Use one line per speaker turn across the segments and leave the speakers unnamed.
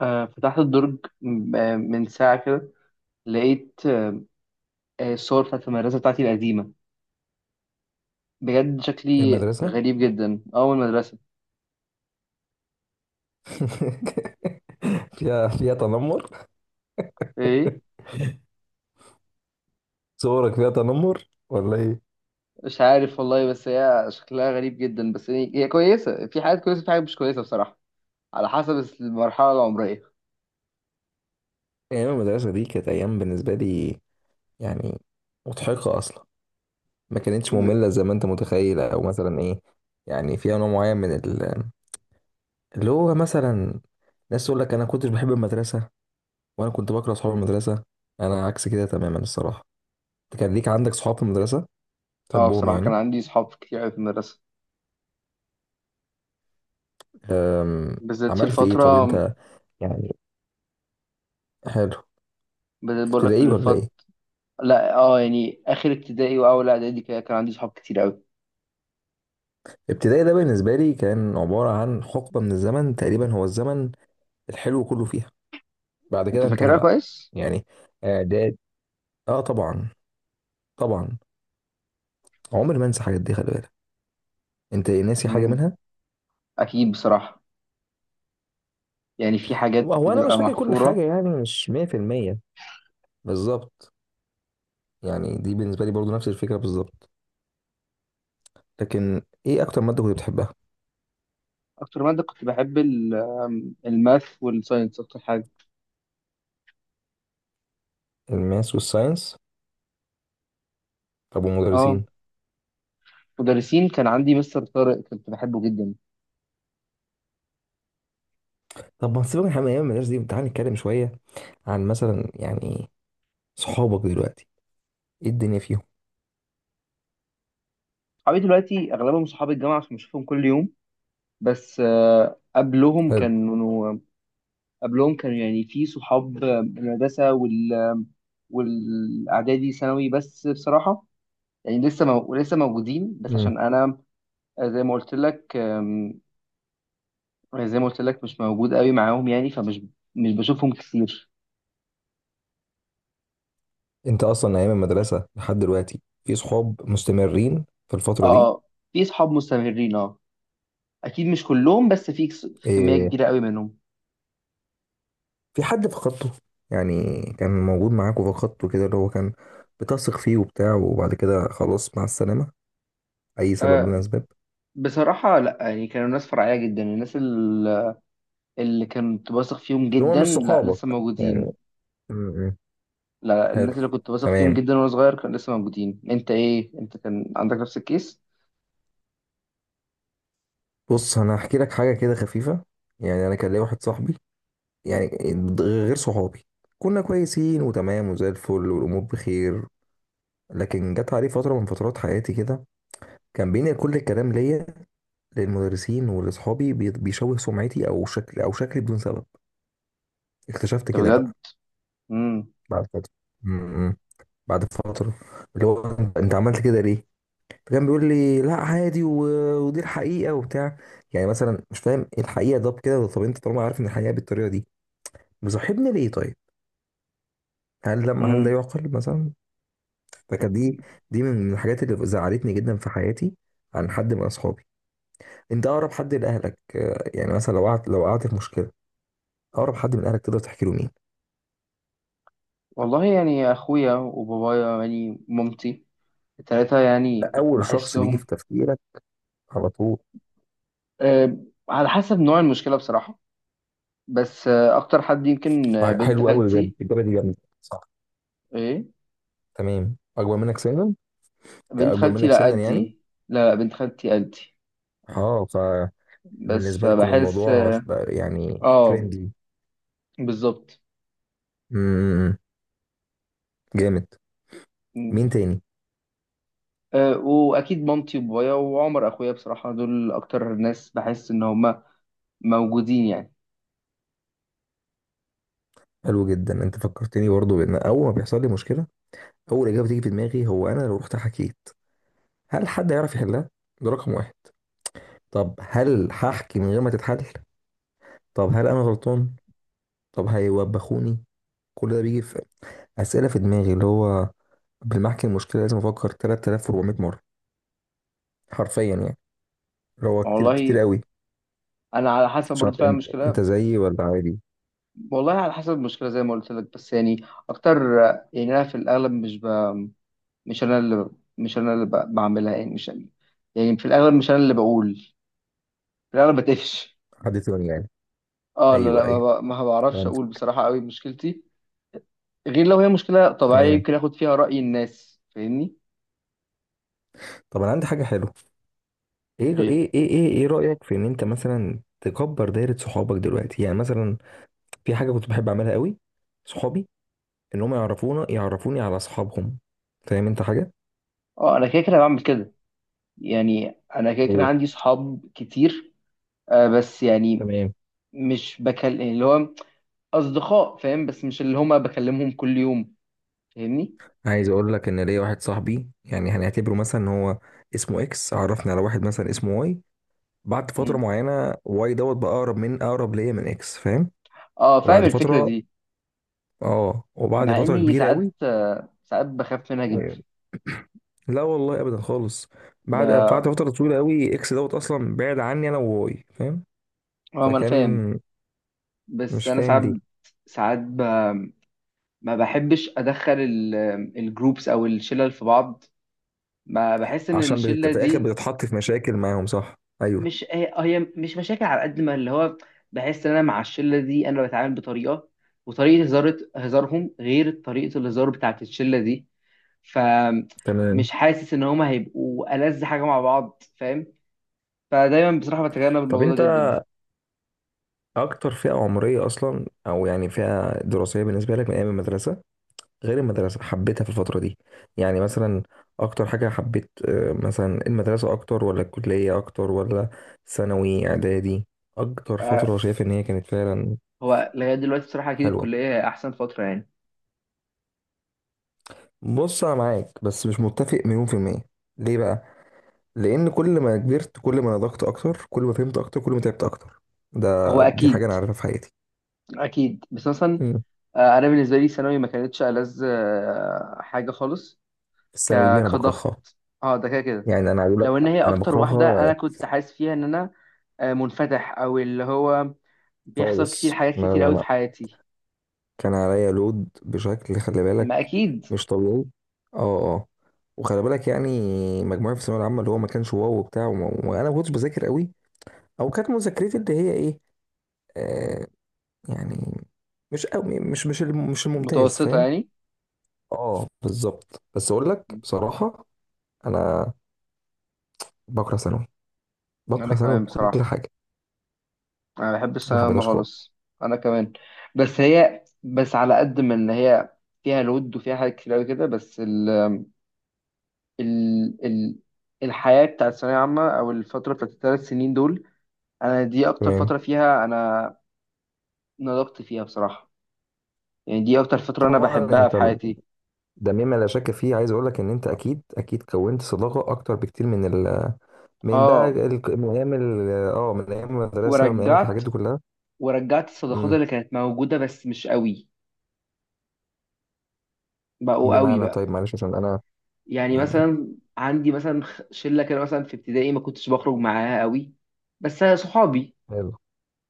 فتحت الدرج من ساعة كده، لقيت الصور بتاعت المدرسة بتاعتي القديمة. بجد شكلي
المدرسة.
غريب جدا، أول مدرسة.
فيها تنمر.
إيه،
صورك فيها تنمر ولا ايه؟
مش عارف والله، بس هي شكلها غريب جدا، بس هي كويسة، في حاجات كويسة في حاجات مش كويسة بصراحة، على حسب المرحلة العمرية.
أيام المدرسة دي كانت أيام بالنسبة لي، يعني مضحكة أصلا. ما كانتش
ب-
مملة زي ما أنت متخيل أو مثلا إيه. يعني فيها نوع معين اللي هو مثلا ناس تقول لك أنا كنتش بحب المدرسة، وأنا كنت بكره أصحاب المدرسة. أنا عكس كده تماما الصراحة. أنت كان ليك عندك صحاب في المدرسة
اه،
تحبهم
بصراحة كان
يعني؟
عندي صحاب كتير أوي في المدرسة،
أم،
بالذات في
عملت إيه طب
الفترة،
أنت؟ يعني حلو.
بدأت بقول لك
ابتدائي
من
ولا
الفترة.
إيه؟
لا اه، يعني آخر ابتدائي وأول إعدادي كده كان عندي صحاب كتير أوي.
ابتدائي ده بالنسبة لي كان عبارة عن حقبة من الزمن، تقريبا هو الزمن الحلو كله فيها. بعد
أنت
كده انتهى
فاكرها
بقى
كويس؟
يعني. اعداد، اه طبعا. طبعا عمري ما انسى الحاجات دي، خلي بالك. انت ناسي حاجة
مم.
منها؟
أكيد بصراحة، يعني في
هو
حاجات
هو انا مش
بتبقى
فاكر كل
محفورة.
حاجة، يعني مش 100% بالظبط. يعني دي بالنسبة لي برضو نفس الفكرة بالظبط. لكن ايه اكتر مادة كنت بتحبها؟
أكتر مادة كنت بحب ال- آم، الماث والساينس أكتر حاجة.
الماس والساينس؟ طب
اه،
والمدرسين؟
مدرسين كان عندي مستر طارق كنت بحبه جدا.
طب ما سيبك من حاجة من ايام المدرسة دي، تعالى نتكلم شوية عن مثلا يعني صحابك دلوقتي، ايه الدنيا فيهم.
صحابي دلوقتي أغلبهم صحاب الجامعة عشان بشوفهم كل يوم، بس قبلهم كانوا يعني في صحاب المدرسة والإعدادي ثانوي، بس بصراحة يعني لسه موجودين، بس
حلو.
عشان أنا آه، زي ما قلت لك آم، زي ما قلت لك مش موجود قوي معاهم، يعني فمش مش بشوفهم كتير.
انت اصلا ايام المدرسه لحد دلوقتي في صحاب مستمرين في الفتره دي؟
اه، في اصحاب مستمرين اه، اكيد مش كلهم، بس في كميه
إيه،
كبيره قوي منهم.
في حد فقدته؟ يعني كان موجود معاك وفقدته كده، اللي هو كان بتثق فيه وبتاع وبعد كده خلاص مع السلامه، اي سبب من
آه
الاسباب؟
بصراحه لا، يعني كانوا ناس فرعيه جدا، الناس اللي كنت واثق فيهم
اللي هو
جدا
مش
لا
صحابك
لسه
يعني.
موجودين.
م- م.
لا، الناس
حلو.
اللي كنت واثق فيهم
تمام.
جدا وانا صغير كانوا لسه موجودين. انت ايه؟ انت كان عندك نفس الكيس؟
بص انا هحكي لك حاجه كده خفيفه. يعني انا كان ليا واحد صاحبي يعني، غير صحابي. كنا كويسين وتمام وزي الفل والامور بخير. لكن جت عليه فتره من فترات حياتي كده كان بينقل كل الكلام ليا للمدرسين ولأصحابي، بيشوه سمعتي أو شكل أو شكلي بدون سبب. اكتشفت
انت
كده
بجد؟
بقى
امم
بعد فترة. م- م. بعد فترة اللي هو أنت عملت كده ليه؟ فكان بيقول لي لا عادي ودي الحقيقة وبتاع. يعني مثلا مش فاهم إيه الحقيقة ده بكده. طب أنت طالما عارف إن الحقيقة بالطريقة دي مصاحبني ليه طيب؟ هل
امم
ده يعقل مثلا؟ فكانت دي من الحاجات اللي زعلتني جدا في حياتي عن حد من أصحابي. أنت أقرب حد لأهلك، يعني مثلا لو قعدت في مشكلة، أقرب حد من أهلك تقدر تحكي له مين؟
والله يعني اخويا وبابايا يعني مامتي، التلاتة
ده
يعني
اول شخص بيجي
بحسهم.
في تفكيرك على طول؟
آه، على حسب نوع المشكله بصراحه، بس آه، اكتر حد يمكن آه، بنت
حلو قوي بجد،
خالتي.
الاجابه دي جامده صح.
ايه،
تمام. اكبر منك سنا؟
بنت
كاكبر
خالتي
منك
لا
سنا يعني.
قدي. لا لا، بنت خالتي قدي.
اه.
بس
فبالنسبه لكم
فبحس
الموضوع
اه،
بقى يعني
آه،
فريندلي.
بالظبط.
امم جامد.
م.
مين تاني؟
آه، واكيد مامتي وبابايا وعمر اخويا بصراحه، دول اكتر ناس بحس ان هم موجودين يعني.
حلو جدا. انت فكرتني برضو بان اول ما بيحصل لي مشكله، اول اجابه تيجي في دماغي هو انا لو رحت حكيت هل حد يعرف يحلها. ده رقم واحد. طب هل هحكي من غير ما تتحل؟ طب هل انا غلطان؟ طب هيوبخوني؟ كل ده بيجي في اسئله في دماغي اللي هو بالمحكي المشكله لازم افكر 3400 مره، حرفيا يعني. اللي هو كتير كتير
والله
قوي.
انا على حسب
مش
برضه
عارف
فاهم
انت
المشكله،
زيي ولا عادي.
والله على حسب المشكله زي ما قلت لك، بس يعني اكتر آه، يعني انا في الاغلب مش انا اللي مش انا اللي بعملها، يعني مش يعني، يعني في الاغلب مش انا اللي بقول، في الاغلب بتقفش.
حد تاني يعني؟
اه لا
ايوه
لا،
ايوه
ما بعرفش
فهمت.
اقول بصراحة قوي مشكلتي، غير لو هي مشكلة طبيعية
تمام.
يمكن اخد فيها رأي الناس، فاهمني.
طب انا عندي حاجه حلوه. ايه ايه
ايه،
ايه ايه, إيه إيه رايك في ان انت مثلا تكبر دايره صحابك دلوقتي يعني مثلا؟ في حاجه كنت بحب اعملها قوي صحابي، ان هم يعرفونا يعرفوني على اصحابهم. فاهم انت حاجه؟
اه انا كده كده بعمل كده، يعني انا كده كده
ايه.
عندي صحاب كتير، آه بس يعني
تمام.
مش بكلم اللي هو اصدقاء فاهم، بس مش اللي هما بكلمهم كل يوم، فاهمني.
عايز اقول لك ان ليا واحد صاحبي يعني، هنعتبره مثلا ان هو اسمه اكس عرفني على واحد مثلا اسمه واي. بعد فتره
مم.
معينه واي دوت بقى اقرب من اقرب ليا من اكس، فاهم؟
اه، فاهم
وبعد
الفكرة
فتره،
دي،
اه، وبعد
مع
فتره
اني
كبيره
ساعات
قوي.
آه ساعات بخاف منها جدا.
لا والله ابدا خالص. بعد
اه،
بعد فتره طويله قوي اكس دوت اصلا بعد عني انا وواي فاهم.
ما انا فاهم،
فكان
بس
مش
انا
فاهم
ساعات
ليه.
ساعات ما بحبش ادخل الجروبس او الشلل في بعض. ما بحس ان
عشان
الشله
في الاخر
دي،
بتتحط في مشاكل معاهم صح. ايوه.
مش هي مش مشاكل، على قد ما اللي هو بحس ان انا مع الشله دي انا بتعامل بطريقه، وطريقه هزار هزارهم غير طريقه الهزار بتاعت الشله دي، فمش
تمام.
حاسس ان هما هيبقوا ألذ حاجه مع بعض فاهم. فدايما بصراحه بتجنب
طب
الموضوع ده
انت
جدا.
اكتر فئه عمريه اصلا او يعني فئه دراسيه بالنسبه لك من ايام المدرسه، غير المدرسة حبيتها في الفترة دي؟ يعني مثلا، أكتر حاجة حبيت مثلا، المدرسة أكتر ولا الكلية أكتر ولا ثانوي إعدادي؟ أكتر
آه،
فترة شايف إن هي كانت فعلا
هو لغايه دلوقتي بصراحه اكيد
حلوة؟
الكليه هي احسن فتره يعني.
بص أنا معاك، بس مش متفق مليون في المية. ليه بقى؟ لأن كل ما كبرت كل ما نضجت أكتر كل ما فهمت أكتر كل ما تعبت أكتر،
هو
ده دي حاجة
اكيد،
أنا عارفها في حياتي.
اكيد بس مثلا
مم.
آه، انا بالنسبه لي ثانوي ما كانتش ألذ آه، حاجه خالص.
الثانوي دي أنا
كضغط،
بكرهها.
اه ده كده كده،
يعني أنا عايز أقول
لو ان
لك،
هي
أنا
اكتر واحده انا
بكرهها
كنت حاسس فيها ان انا آه، منفتح او اللي هو بيحصل كتير
خالص.
حاجات
لا
كتير
لا
قوي في
لا،
حياتي.
كان عليا لود بشكل خلي
ما
بالك.
اكيد،
مش طبيعي. اه. اه. وخلي بالك يعني، مجموعي في الثانويه العامه اللي هو ما كانش واو وبتاع وانا ما كنتش بذاكر قوي. او كانت مذاكرتي اللي هي ايه، آه، يعني مش قوي، مش مش الممتاز
متوسطه
فاهم.
يعني.
اه بالظبط. بس اقول لك بصراحه، انا بكره ثانوي،
انا
بكره ثانوي
كمان
بكل
بصراحه،
حاجه.
انا بحب
ما
الثانويه العامة
حبيتهاش خالص.
خالص. انا كمان، بس على قد ما ان هي فيها لود وفيها حاجات كتير قوي كده، بس ال الحياة بتاعت الثانوية عامة أو الفترة بتاعت الـ3 سنين دول، أنا دي أكتر
تمام.
فترة فيها أنا نضجت فيها بصراحة، يعني دي أكتر فترة أنا
طبعا
بحبها في
انت
حياتي.
ده مما لا شك فيه. عايز اقول لك ان انت اكيد اكيد كونت صداقه اكتر بكتير من ال من بقى
آه،
ال... من ايام ال... اه من ايام المدرسه من ايام الحاجات
ورجعت
دي كلها.
ورجعت الصداقات
امم.
اللي كانت موجودة بس مش قوي، بقوا قوي
بمعنى
بقى،
طيب معلش عشان انا
يعني
يعني،
مثلا عندي مثلا شلة كده مثلا في ابتدائي ما كنتش بخرج معاها قوي، بس صحابي
حلو.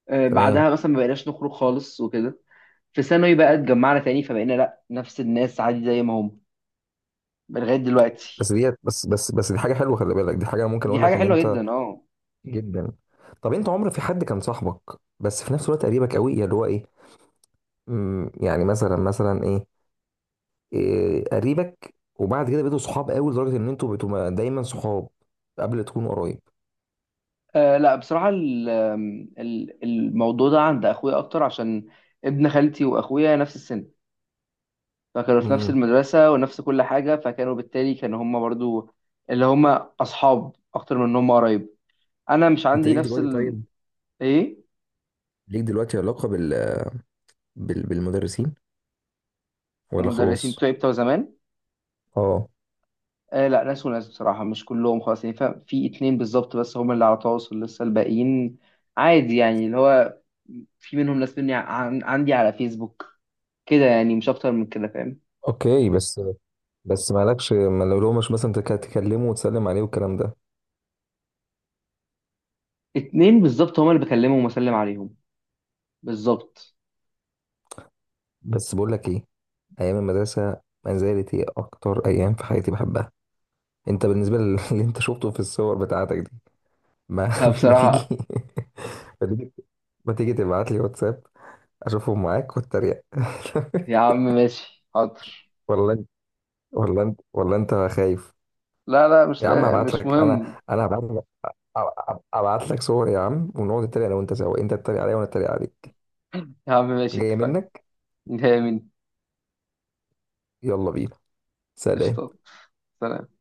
آه،
تمام.
بعدها مثلا ما بقيناش نخرج خالص وكده. في ثانوي بقى اتجمعنا تاني فبقينا لا نفس الناس عادي زي ما هم لغاية دلوقتي.
بس ديت بس دي حاجه حلوه خلي بالك، دي حاجه ممكن
دي
اقول
حاجة
لك ان
حلوة
انت
جدا اه.
جدا. طب انت عمر في حد كان صاحبك بس في نفس الوقت قريبك قوي اللي هو ايه، يعني مثلا ايه, إيه قريبك وبعد كده بقيتوا صحاب قوي لدرجه ان انتوا بقيتوا دايما صحاب قبل تكونوا قرايب.
آه، لا بصراحة الموضوع ده عند أخويا أكتر، عشان ابن خالتي وأخويا نفس السن، فكانوا في نفس
امم.
المدرسة ونفس كل حاجة، فكانوا بالتالي هما برضو اللي هما أصحاب أكتر من إن هما قرايب. أنا مش
انت
عندي
ليك
نفس.
دلوقتي طيب،
إيه،
ليك دلوقتي علاقه بال... بال... بالمدرسين ولا
المدرسين
خلاص؟
بتوعي بتوع زمان
اه.
آه لا، ناس وناس بصراحة مش كلهم خلاص، يعني فاهم؟ في اتنين بالظبط بس هما اللي على تواصل، لسه الباقيين عادي يعني اللي هو في منهم ناس عندي على فيسبوك كده، يعني مش اكتر من كده فاهم.
اوكي. بس بس مالكش، ما لو مش مثلا تكلمه وتسلم عليه والكلام ده؟
اتنين بالظبط هما اللي بكلمهم واسلم عليهم، بالظبط.
بس بقول لك ايه، ايام المدرسه ما زالت هي اكتر ايام في حياتي بحبها. انت بالنسبه للي انت شفته في الصور بتاعتك دي ما,
ها،
ما تيجي
بصراحة.
ما تيجي، ما تيجي تبعت لي واتساب اشوفهم معاك واتريق
يا عم ماشي حاضر.
ولا انت ولا انت خايف؟
لا لا، مش
يا عم
لا
هبعت
مش
لك،
مهم.
انا هبعت لك، ابعت لك صور يا عم، ونقعد نتريق انا وانت سوا، انت تتريق عليا وانا اتريق عليك.
يا عم ماشي
جايه
اتفقنا.
منك.
نهاية مين؟
يلا بينا، سلام.
قشطة. سلام.